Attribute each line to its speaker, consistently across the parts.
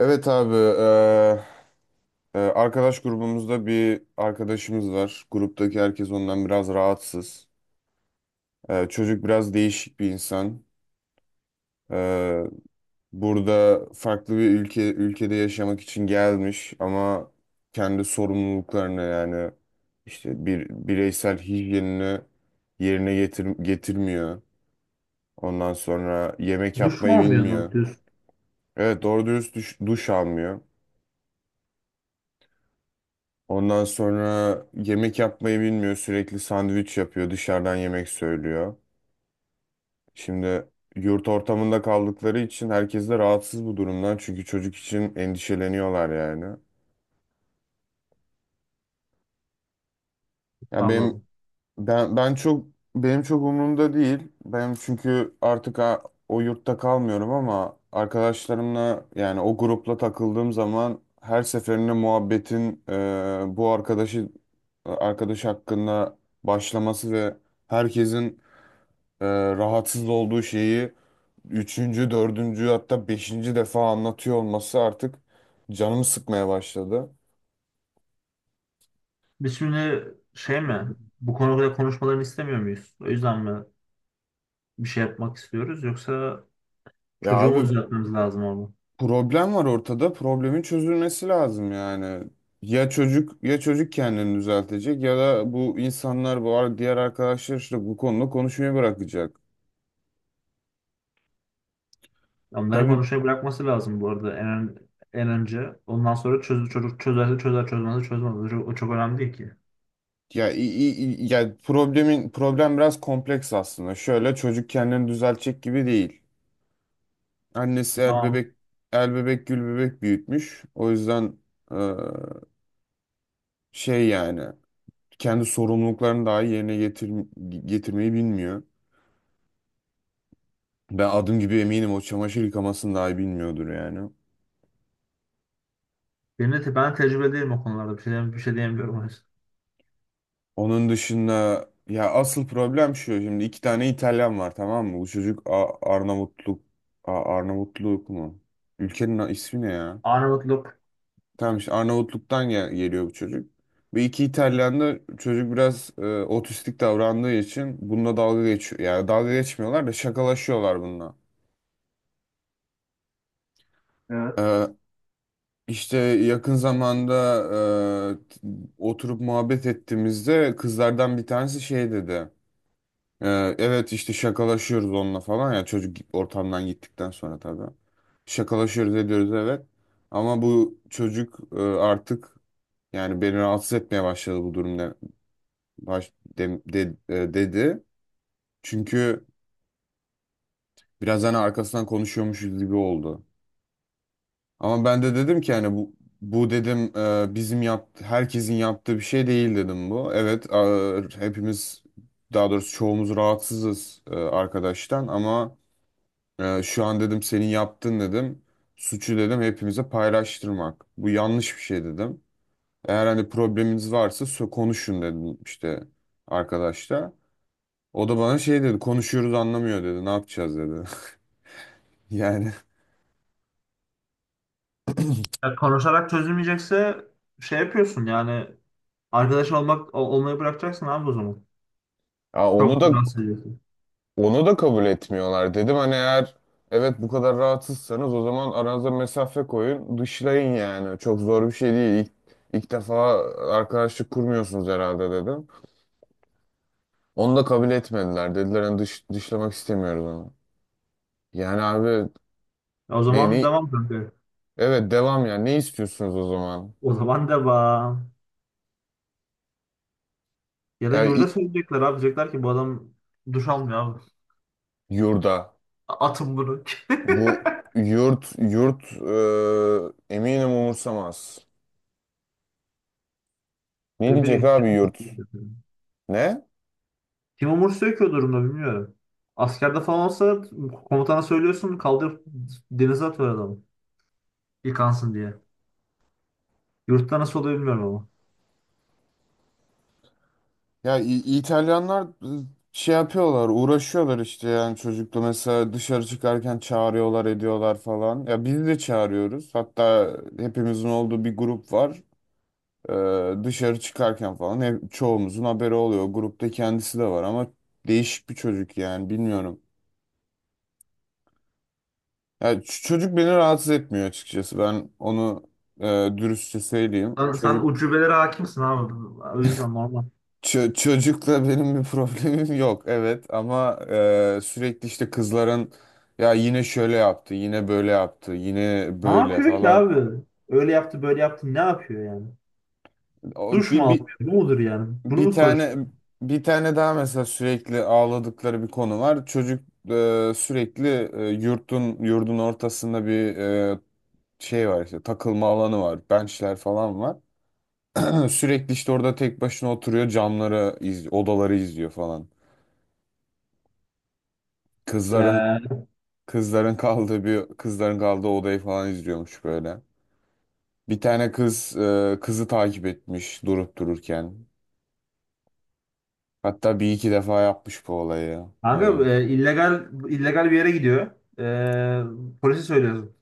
Speaker 1: Evet abi, arkadaş grubumuzda bir arkadaşımız var. Gruptaki herkes ondan biraz rahatsız. Çocuk biraz değişik bir insan. Eee, Burada farklı bir ülkede yaşamak için gelmiş, ama kendi sorumluluklarını, yani işte bir bireysel hijyenini yerine getirmiyor. Ondan sonra yemek
Speaker 2: Duş
Speaker 1: yapmayı
Speaker 2: mu olmuyor doğru
Speaker 1: bilmiyor.
Speaker 2: düz
Speaker 1: Evet, doğru dürüst duş almıyor. Ondan sonra yemek yapmayı bilmiyor. Sürekli sandviç yapıyor. Dışarıdan yemek söylüyor. Şimdi yurt ortamında kaldıkları için herkes de rahatsız bu durumdan. Çünkü çocuk için endişeleniyorlar yani. Ya
Speaker 2: Allah Allah.
Speaker 1: ben ben çok benim çok umurumda değil. Ben çünkü artık o yurtta kalmıyorum, ama arkadaşlarımla, yani o grupla takıldığım zaman her seferinde muhabbetin, bu arkadaş hakkında başlaması ve herkesin e, rahatsız olduğu şeyi üçüncü, dördüncü, hatta beşinci defa anlatıyor olması artık canımı sıkmaya başladı.
Speaker 2: Biz şimdi şey mi? Bu konuda konuşmalarını istemiyor muyuz? O yüzden mi bir şey yapmak istiyoruz? Yoksa
Speaker 1: Ya
Speaker 2: çocuğu mu
Speaker 1: abi,
Speaker 2: düzeltmemiz lazım orada.
Speaker 1: problem var ortada. Problemin çözülmesi lazım yani. Ya çocuk kendini düzeltecek, ya da bu insanlar, diğer arkadaşlar, işte bu konuda konuşmayı bırakacak.
Speaker 2: Onların
Speaker 1: Tabii.
Speaker 2: konuşmayı bırakması lazım bu arada en önce. Ondan sonra çocuk çözerse çözer, çözmezse çözmez. O çok önemli değil ki.
Speaker 1: Ya, ya problem biraz kompleks aslında. Şöyle, çocuk kendini düzeltecek gibi değil. Annesi el
Speaker 2: Tamam.
Speaker 1: bebek el bebek gül bebek büyütmüş. O yüzden, e, şey yani, kendi sorumluluklarını daha iyi yerine getirmeyi bilmiyor. Ben adım gibi eminim o çamaşır yıkamasını daha iyi bilmiyordur yani.
Speaker 2: Ben tecrübe değilim o konularda. Bir şey diyemiyorum, o yüzden.
Speaker 1: Onun dışında, ya, asıl problem şu. Şimdi iki tane İtalyan var, tamam mı? Bu çocuk Arnavutluk mu? Ülkenin ismi ne ya?
Speaker 2: Arnavutluk.
Speaker 1: Tamam, işte Arnavutluk'tan geliyor bu çocuk. Ve iki İtalyan'da çocuk biraz otistik davrandığı için bununla dalga geçiyor. Yani dalga geçmiyorlar da, şakalaşıyorlar bununla. E,
Speaker 2: Evet.
Speaker 1: işte yakın zamanda, e, t- oturup muhabbet ettiğimizde kızlardan bir tanesi şey dedi. E, evet, işte şakalaşıyoruz onunla falan, ya, çocuk ortamdan gittikten sonra tabii. Şakalaşıyoruz, ediyoruz, evet. Ama bu çocuk, artık, yani beni rahatsız etmeye başladı bu durum, baş de- de- e, dedi. Çünkü biraz, hani, arkasından konuşuyormuşuz gibi oldu. Ama ben de dedim ki, hani, bu dedim, bizim yaptı herkesin yaptığı bir şey değil dedim bu. Evet, hepimiz, daha doğrusu çoğumuz rahatsızız, arkadaştan, ama şu an dedim senin yaptın dedim. Suçu, dedim, hepimize paylaştırmak. Bu yanlış bir şey dedim. Eğer, hani, probleminiz varsa konuşun dedim, işte, arkadaşla. O da bana şey dedi, konuşuyoruz, anlamıyor dedi, ne yapacağız dedi. Yani,
Speaker 2: Ya konuşarak çözülmeyecekse şey yapıyorsun yani, arkadaş olmayı bırakacaksın abi o zaman.
Speaker 1: ya onu
Speaker 2: Çok
Speaker 1: da
Speaker 2: rahatsız ediyor.
Speaker 1: onu da kabul etmiyorlar. Dedim, hani, eğer evet bu kadar rahatsızsanız, o zaman aranıza mesafe koyun, dışlayın yani. Çok zor bir şey değil. İlk, ilk defa arkadaşlık kurmuyorsunuz herhalde dedim. Onu da kabul etmediler. Dediler, hani, dışlamak istemiyoruz onu. Yani abi,
Speaker 2: O
Speaker 1: ne
Speaker 2: zaman
Speaker 1: ne
Speaker 2: devam kanka.
Speaker 1: evet devam, yani ne istiyorsunuz o zaman?
Speaker 2: O zaman devam. Ya da
Speaker 1: Yani
Speaker 2: yurda söyleyecekler abi. Diyecekler ki bu adam duş almıyor abi.
Speaker 1: yurda.
Speaker 2: Atın bunu.
Speaker 1: Bu yurt, eminim, umursamaz. Ne
Speaker 2: Ne
Speaker 1: diyecek
Speaker 2: bileyim, kim
Speaker 1: abi yurt?
Speaker 2: umursuyor?
Speaker 1: Ne?
Speaker 2: Kim umursuyor ki o durumda, bilmiyorum. Askerde falan olsa komutana söylüyorsun, kaldırıp denize atıyor adamı. Yıkansın diye. Yurtta nasıl oluyor bilmiyorum ama.
Speaker 1: Ya, İtalyanlar, e, şey yapıyorlar, uğraşıyorlar işte, yani çocukla mesela dışarı çıkarken çağırıyorlar, ediyorlar falan. Ya biz de çağırıyoruz. Hatta hepimizin olduğu bir grup var. Dışarı çıkarken falan hep çoğumuzun haberi oluyor. Grupta kendisi de var, ama değişik bir çocuk yani, bilmiyorum. Ya çocuk beni rahatsız etmiyor açıkçası. Ben onu, e, dürüstçe söyleyeyim.
Speaker 2: Sen
Speaker 1: Çocuk,
Speaker 2: ucubelere hakimsin abi. O yüzden normal.
Speaker 1: çocukla benim bir problemim yok. Evet, ama sürekli işte kızların, ya, yine şöyle yaptı, yine böyle yaptı, yine
Speaker 2: Ne
Speaker 1: böyle
Speaker 2: yapıyor ki
Speaker 1: falan.
Speaker 2: abi? Öyle yaptı, böyle yaptı, ne yapıyor yani?
Speaker 1: O
Speaker 2: Duş mu almıyor? Bu mudur yani? Bunu
Speaker 1: bir
Speaker 2: mu konuşuyorlar?
Speaker 1: tane bir tane daha mesela sürekli ağladıkları bir konu var. Çocuk, sürekli, yurdun ortasında bir, şey var, işte takılma alanı var, benchler falan var. Sürekli işte orada tek başına oturuyor, camları iz odaları izliyor falan. Kızların kızların kaldığı bir kızların kaldığı odayı falan izliyormuş böyle. Bir tane kız, kızı takip etmiş durup dururken. Hatta bir iki defa yapmış bu olayı.
Speaker 2: Kanka
Speaker 1: Hani,
Speaker 2: illegal bir yere gidiyor. Polise söylüyorsun.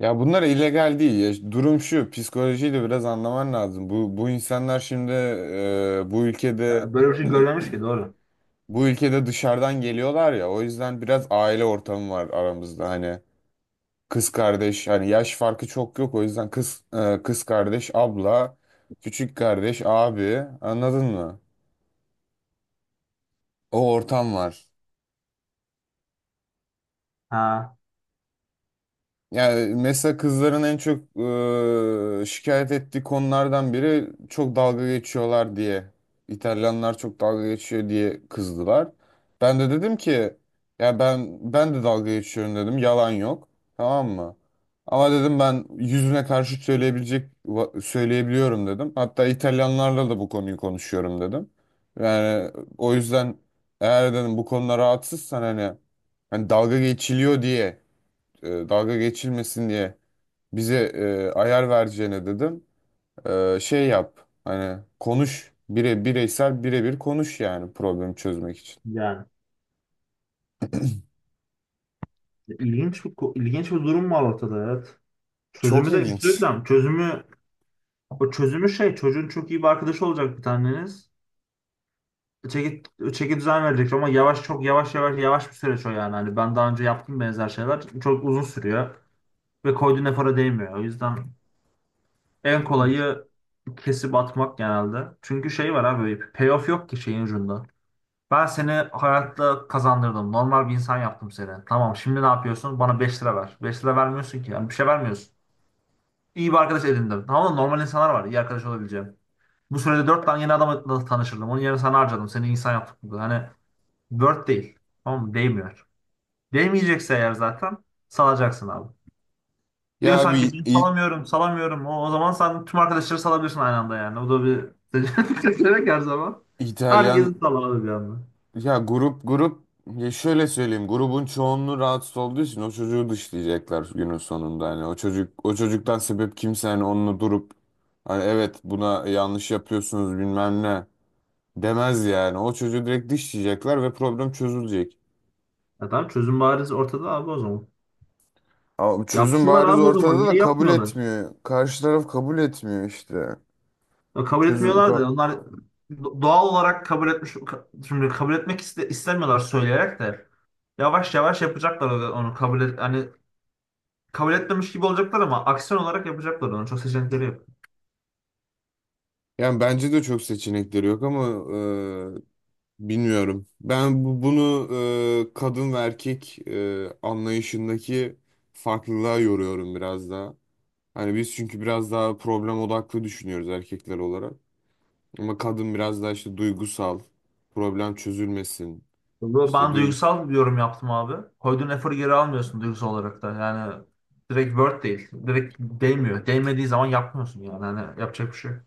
Speaker 1: ya, bunlar illegal değil. Ya, işte, durum şu, psikolojiyi de biraz anlaman lazım. Bu insanlar şimdi, bu ülkede
Speaker 2: Ya, böyle bir şey görmemiş ki doğru.
Speaker 1: bu ülkede dışarıdan geliyorlar ya. O yüzden biraz aile ortamı var aramızda hani. Kız kardeş, hani yaş farkı çok yok, o yüzden kız kardeş, abla, küçük kardeş, abi, anladın mı? O ortam var.
Speaker 2: Ha,
Speaker 1: Yani mesela kızların en çok şikayet ettiği konulardan biri çok dalga geçiyorlar diye. İtalyanlar çok dalga geçiyor diye kızdılar. Ben de dedim ki, ya ben de dalga geçiyorum dedim. Yalan yok. Tamam mı? Ama dedim ben yüzüne karşı söyleyebiliyorum dedim. Hatta İtalyanlarla da bu konuyu konuşuyorum dedim. Yani, o yüzden, eğer dedim bu konuda rahatsızsan, hani dalga geçiliyor diye, dalga geçilmesin diye bize, ayar vereceğine dedim. Şey yap, hani, konuş, birebir konuş yani problemi çözmek için.
Speaker 2: yani ilginç bir durum var ortada, evet.
Speaker 1: Çok
Speaker 2: Çözümü de, bir şey
Speaker 1: ilginç.
Speaker 2: diyeceğim. Çözümü şey, çocuğun çok iyi bir arkadaşı olacak bir taneniz. Çeki, çeki düzen verecek ama yavaş, çok yavaş bir süreç o yani. Hani ben daha önce yaptım benzer şeyler. Çok uzun sürüyor ve koyduğun efora değmiyor. O yüzden en kolayı kesip atmak genelde. Çünkü şey var abi, payoff yok ki şeyin ucunda. Ben seni hayatta kazandırdım. Normal bir insan yaptım seni. Tamam, şimdi ne yapıyorsun? Bana 5 lira ver. 5 lira vermiyorsun ki. Yani bir şey vermiyorsun. İyi bir arkadaş edindim. Tamam mı? Normal insanlar var iyi arkadaş olabileceğim. Bu sürede 4 tane yeni adamla tanışırdım. Onun yerine sana harcadım. Seni insan yaptık burada. Hani dört değil. Tamam mı? Değmiyor. Değmeyecekse eğer zaten salacaksın abi.
Speaker 1: Ya
Speaker 2: Diyorsan ki
Speaker 1: bir
Speaker 2: ben salamıyorum. o zaman sen tüm arkadaşları salabilirsin aynı anda yani. Bu da bir seçenek her zaman.
Speaker 1: İtalyan,
Speaker 2: Herkesi sal abi bir anda.
Speaker 1: ya grup, ya şöyle söyleyeyim, grubun çoğunluğu rahatsız olduğu için o çocuğu dışlayacaklar günün sonunda, hani o çocuktan sebep kimse hani onunla durup, hani evet buna yanlış yapıyorsunuz, bilmem ne, demez yani. O çocuğu direkt dışlayacaklar ve problem çözülecek.
Speaker 2: Ya tamam, çözüm bariz ortada abi o zaman.
Speaker 1: Ama çözüm
Speaker 2: Yapsınlar
Speaker 1: bariz
Speaker 2: abi o zaman.
Speaker 1: ortada da
Speaker 2: Niye
Speaker 1: kabul
Speaker 2: yapmıyorlar?
Speaker 1: etmiyor. Karşı taraf kabul etmiyor işte.
Speaker 2: Ya kabul
Speaker 1: Çözüm
Speaker 2: etmiyorlar
Speaker 1: ka-
Speaker 2: da onlar doğal olarak şimdi istemiyorlar, söyleyerek de yavaş yavaş yapacaklar onu, onu kabul et, hani kabul etmemiş gibi olacaklar ama aksiyon olarak yapacaklar onu. Çok seçenekleri yok.
Speaker 1: Yani bence de çok seçenekleri yok, ama bilmiyorum. Ben bunu, kadın ve erkek, anlayışındaki farklılığa yoruyorum biraz daha. Hani biz, çünkü, biraz daha problem odaklı düşünüyoruz erkekler olarak. Ama kadın biraz daha işte duygusal, problem çözülmesin. İşte
Speaker 2: Ben
Speaker 1: duygus
Speaker 2: duygusal bir yorum yaptım abi. Koyduğun eforu geri almıyorsun duygusal olarak da. Yani direkt word değil. Direkt değmiyor. Değmediği zaman yapmıyorsun yani. Hani yapacak bir şey yok.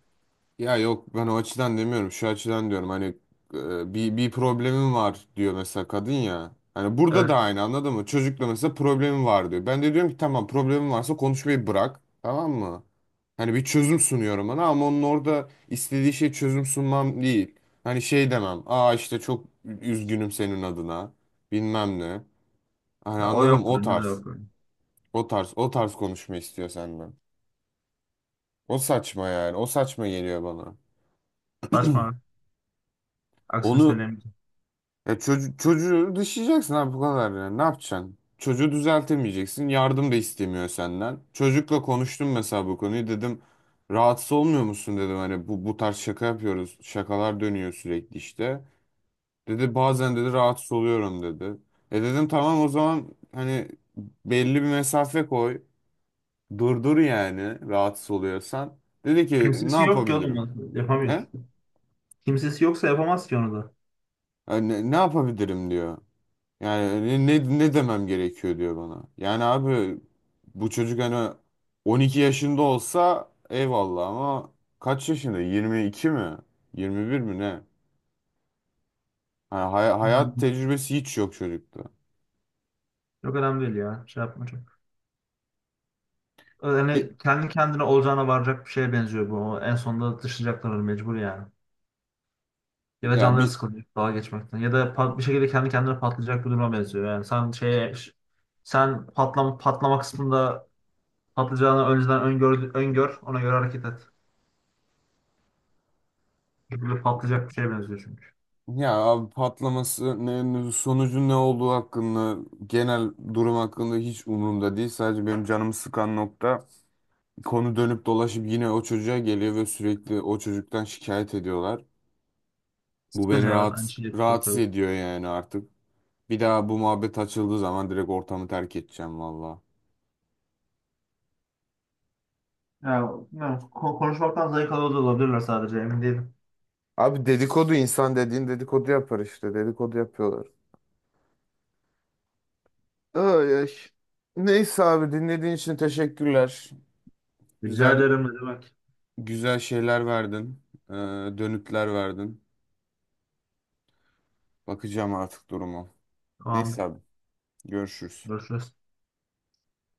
Speaker 1: Ya, yok, ben o açıdan demiyorum. Şu açıdan diyorum, hani, bir problemim var diyor mesela kadın, ya. Hani burada da
Speaker 2: Evet.
Speaker 1: aynı, anladın mı? Çocukla mesela problemim var diyor. Ben de diyorum ki, tamam, problemin varsa konuşmayı bırak. Tamam mı? Hani bir çözüm sunuyorum ona, ama onun orada istediği şey çözüm sunmam değil. Hani şey demem. Aa, işte çok üzgünüm senin adına. Bilmem ne. Hani
Speaker 2: Ya o
Speaker 1: anladım,
Speaker 2: yok,
Speaker 1: o
Speaker 2: bende de
Speaker 1: tarz.
Speaker 2: yok.
Speaker 1: O tarz. O tarz konuşma istiyor senden. O saçma yani. O saçma geliyor bana.
Speaker 2: Saçma. Aksini
Speaker 1: Onu
Speaker 2: söyleyemeyeceğim.
Speaker 1: Ya, çocuğu dışlayacaksın abi, bu kadar ya. Ne yapacaksın? Çocuğu düzeltemeyeceksin. Yardım da istemiyor senden. Çocukla konuştum mesela bu konuyu. Dedim rahatsız olmuyor musun dedim. Hani bu tarz şaka yapıyoruz. Şakalar dönüyor sürekli işte. Dedi bazen dedi rahatsız oluyorum dedi. E dedim, tamam, o zaman, hani, belli bir mesafe koy. Durdur yani, rahatsız oluyorsan. Dedi ki ne
Speaker 2: Kimsesi yok ki oğlum,
Speaker 1: yapabilirim?
Speaker 2: lan.
Speaker 1: Ne?
Speaker 2: Yapamıyor. Kimsesi yoksa yapamaz ki onu da.
Speaker 1: Ne yapabilirim diyor. Yani ne demem gerekiyor diyor bana. Yani abi, bu çocuk, hani, 12 yaşında olsa eyvallah, ama kaç yaşında? 22 mi? 21 mi ne? Hani hayat tecrübesi hiç yok çocukta.
Speaker 2: Çok önemli değil ya. Şey yapma çok.
Speaker 1: Bir-
Speaker 2: Yani kendi kendine olacağına varacak bir şeye benziyor bu. O en sonunda dışlayacaklar onu mecbur yani. Ya da
Speaker 1: ya
Speaker 2: canları
Speaker 1: bir
Speaker 2: sıkılacak dalga geçmekten. Ya da bir şekilde kendi kendine patlayacak bir duruma benziyor. Yani sen patlama kısmında patlayacağını önceden öngör, ona göre hareket et. Böyle patlayacak bir şeye benziyor çünkü.
Speaker 1: Ya abi, patlaması, sonucu ne olduğu hakkında, genel durum hakkında hiç umurumda değil. Sadece benim canımı sıkan nokta, konu dönüp dolaşıp yine o çocuğa geliyor ve sürekli o çocuktan şikayet ediyorlar. Bu beni
Speaker 2: Sıkıcı, evet, aynı
Speaker 1: rahat,
Speaker 2: şeyi
Speaker 1: rahatsız
Speaker 2: yapıyoruz.
Speaker 1: ediyor yani artık. Bir daha bu muhabbet açıldığı zaman direkt ortamı terk edeceğim valla.
Speaker 2: Yani bilmiyorum, konuşmaktan zayıf alıyor da olabilirler, sadece emin değilim.
Speaker 1: Abi dedikodu, insan dediğin dedikodu yapar işte. Dedikodu yapıyorlar. Ay, ay. Neyse abi, dinlediğin için teşekkürler.
Speaker 2: Rica
Speaker 1: Güzel,
Speaker 2: ederim, ne demek.
Speaker 1: güzel şeyler verdin. Ee, Dönütler verdin. Bakacağım artık duruma. Neyse
Speaker 2: Tamamdır.
Speaker 1: abi, görüşürüz.
Speaker 2: Görüşürüz.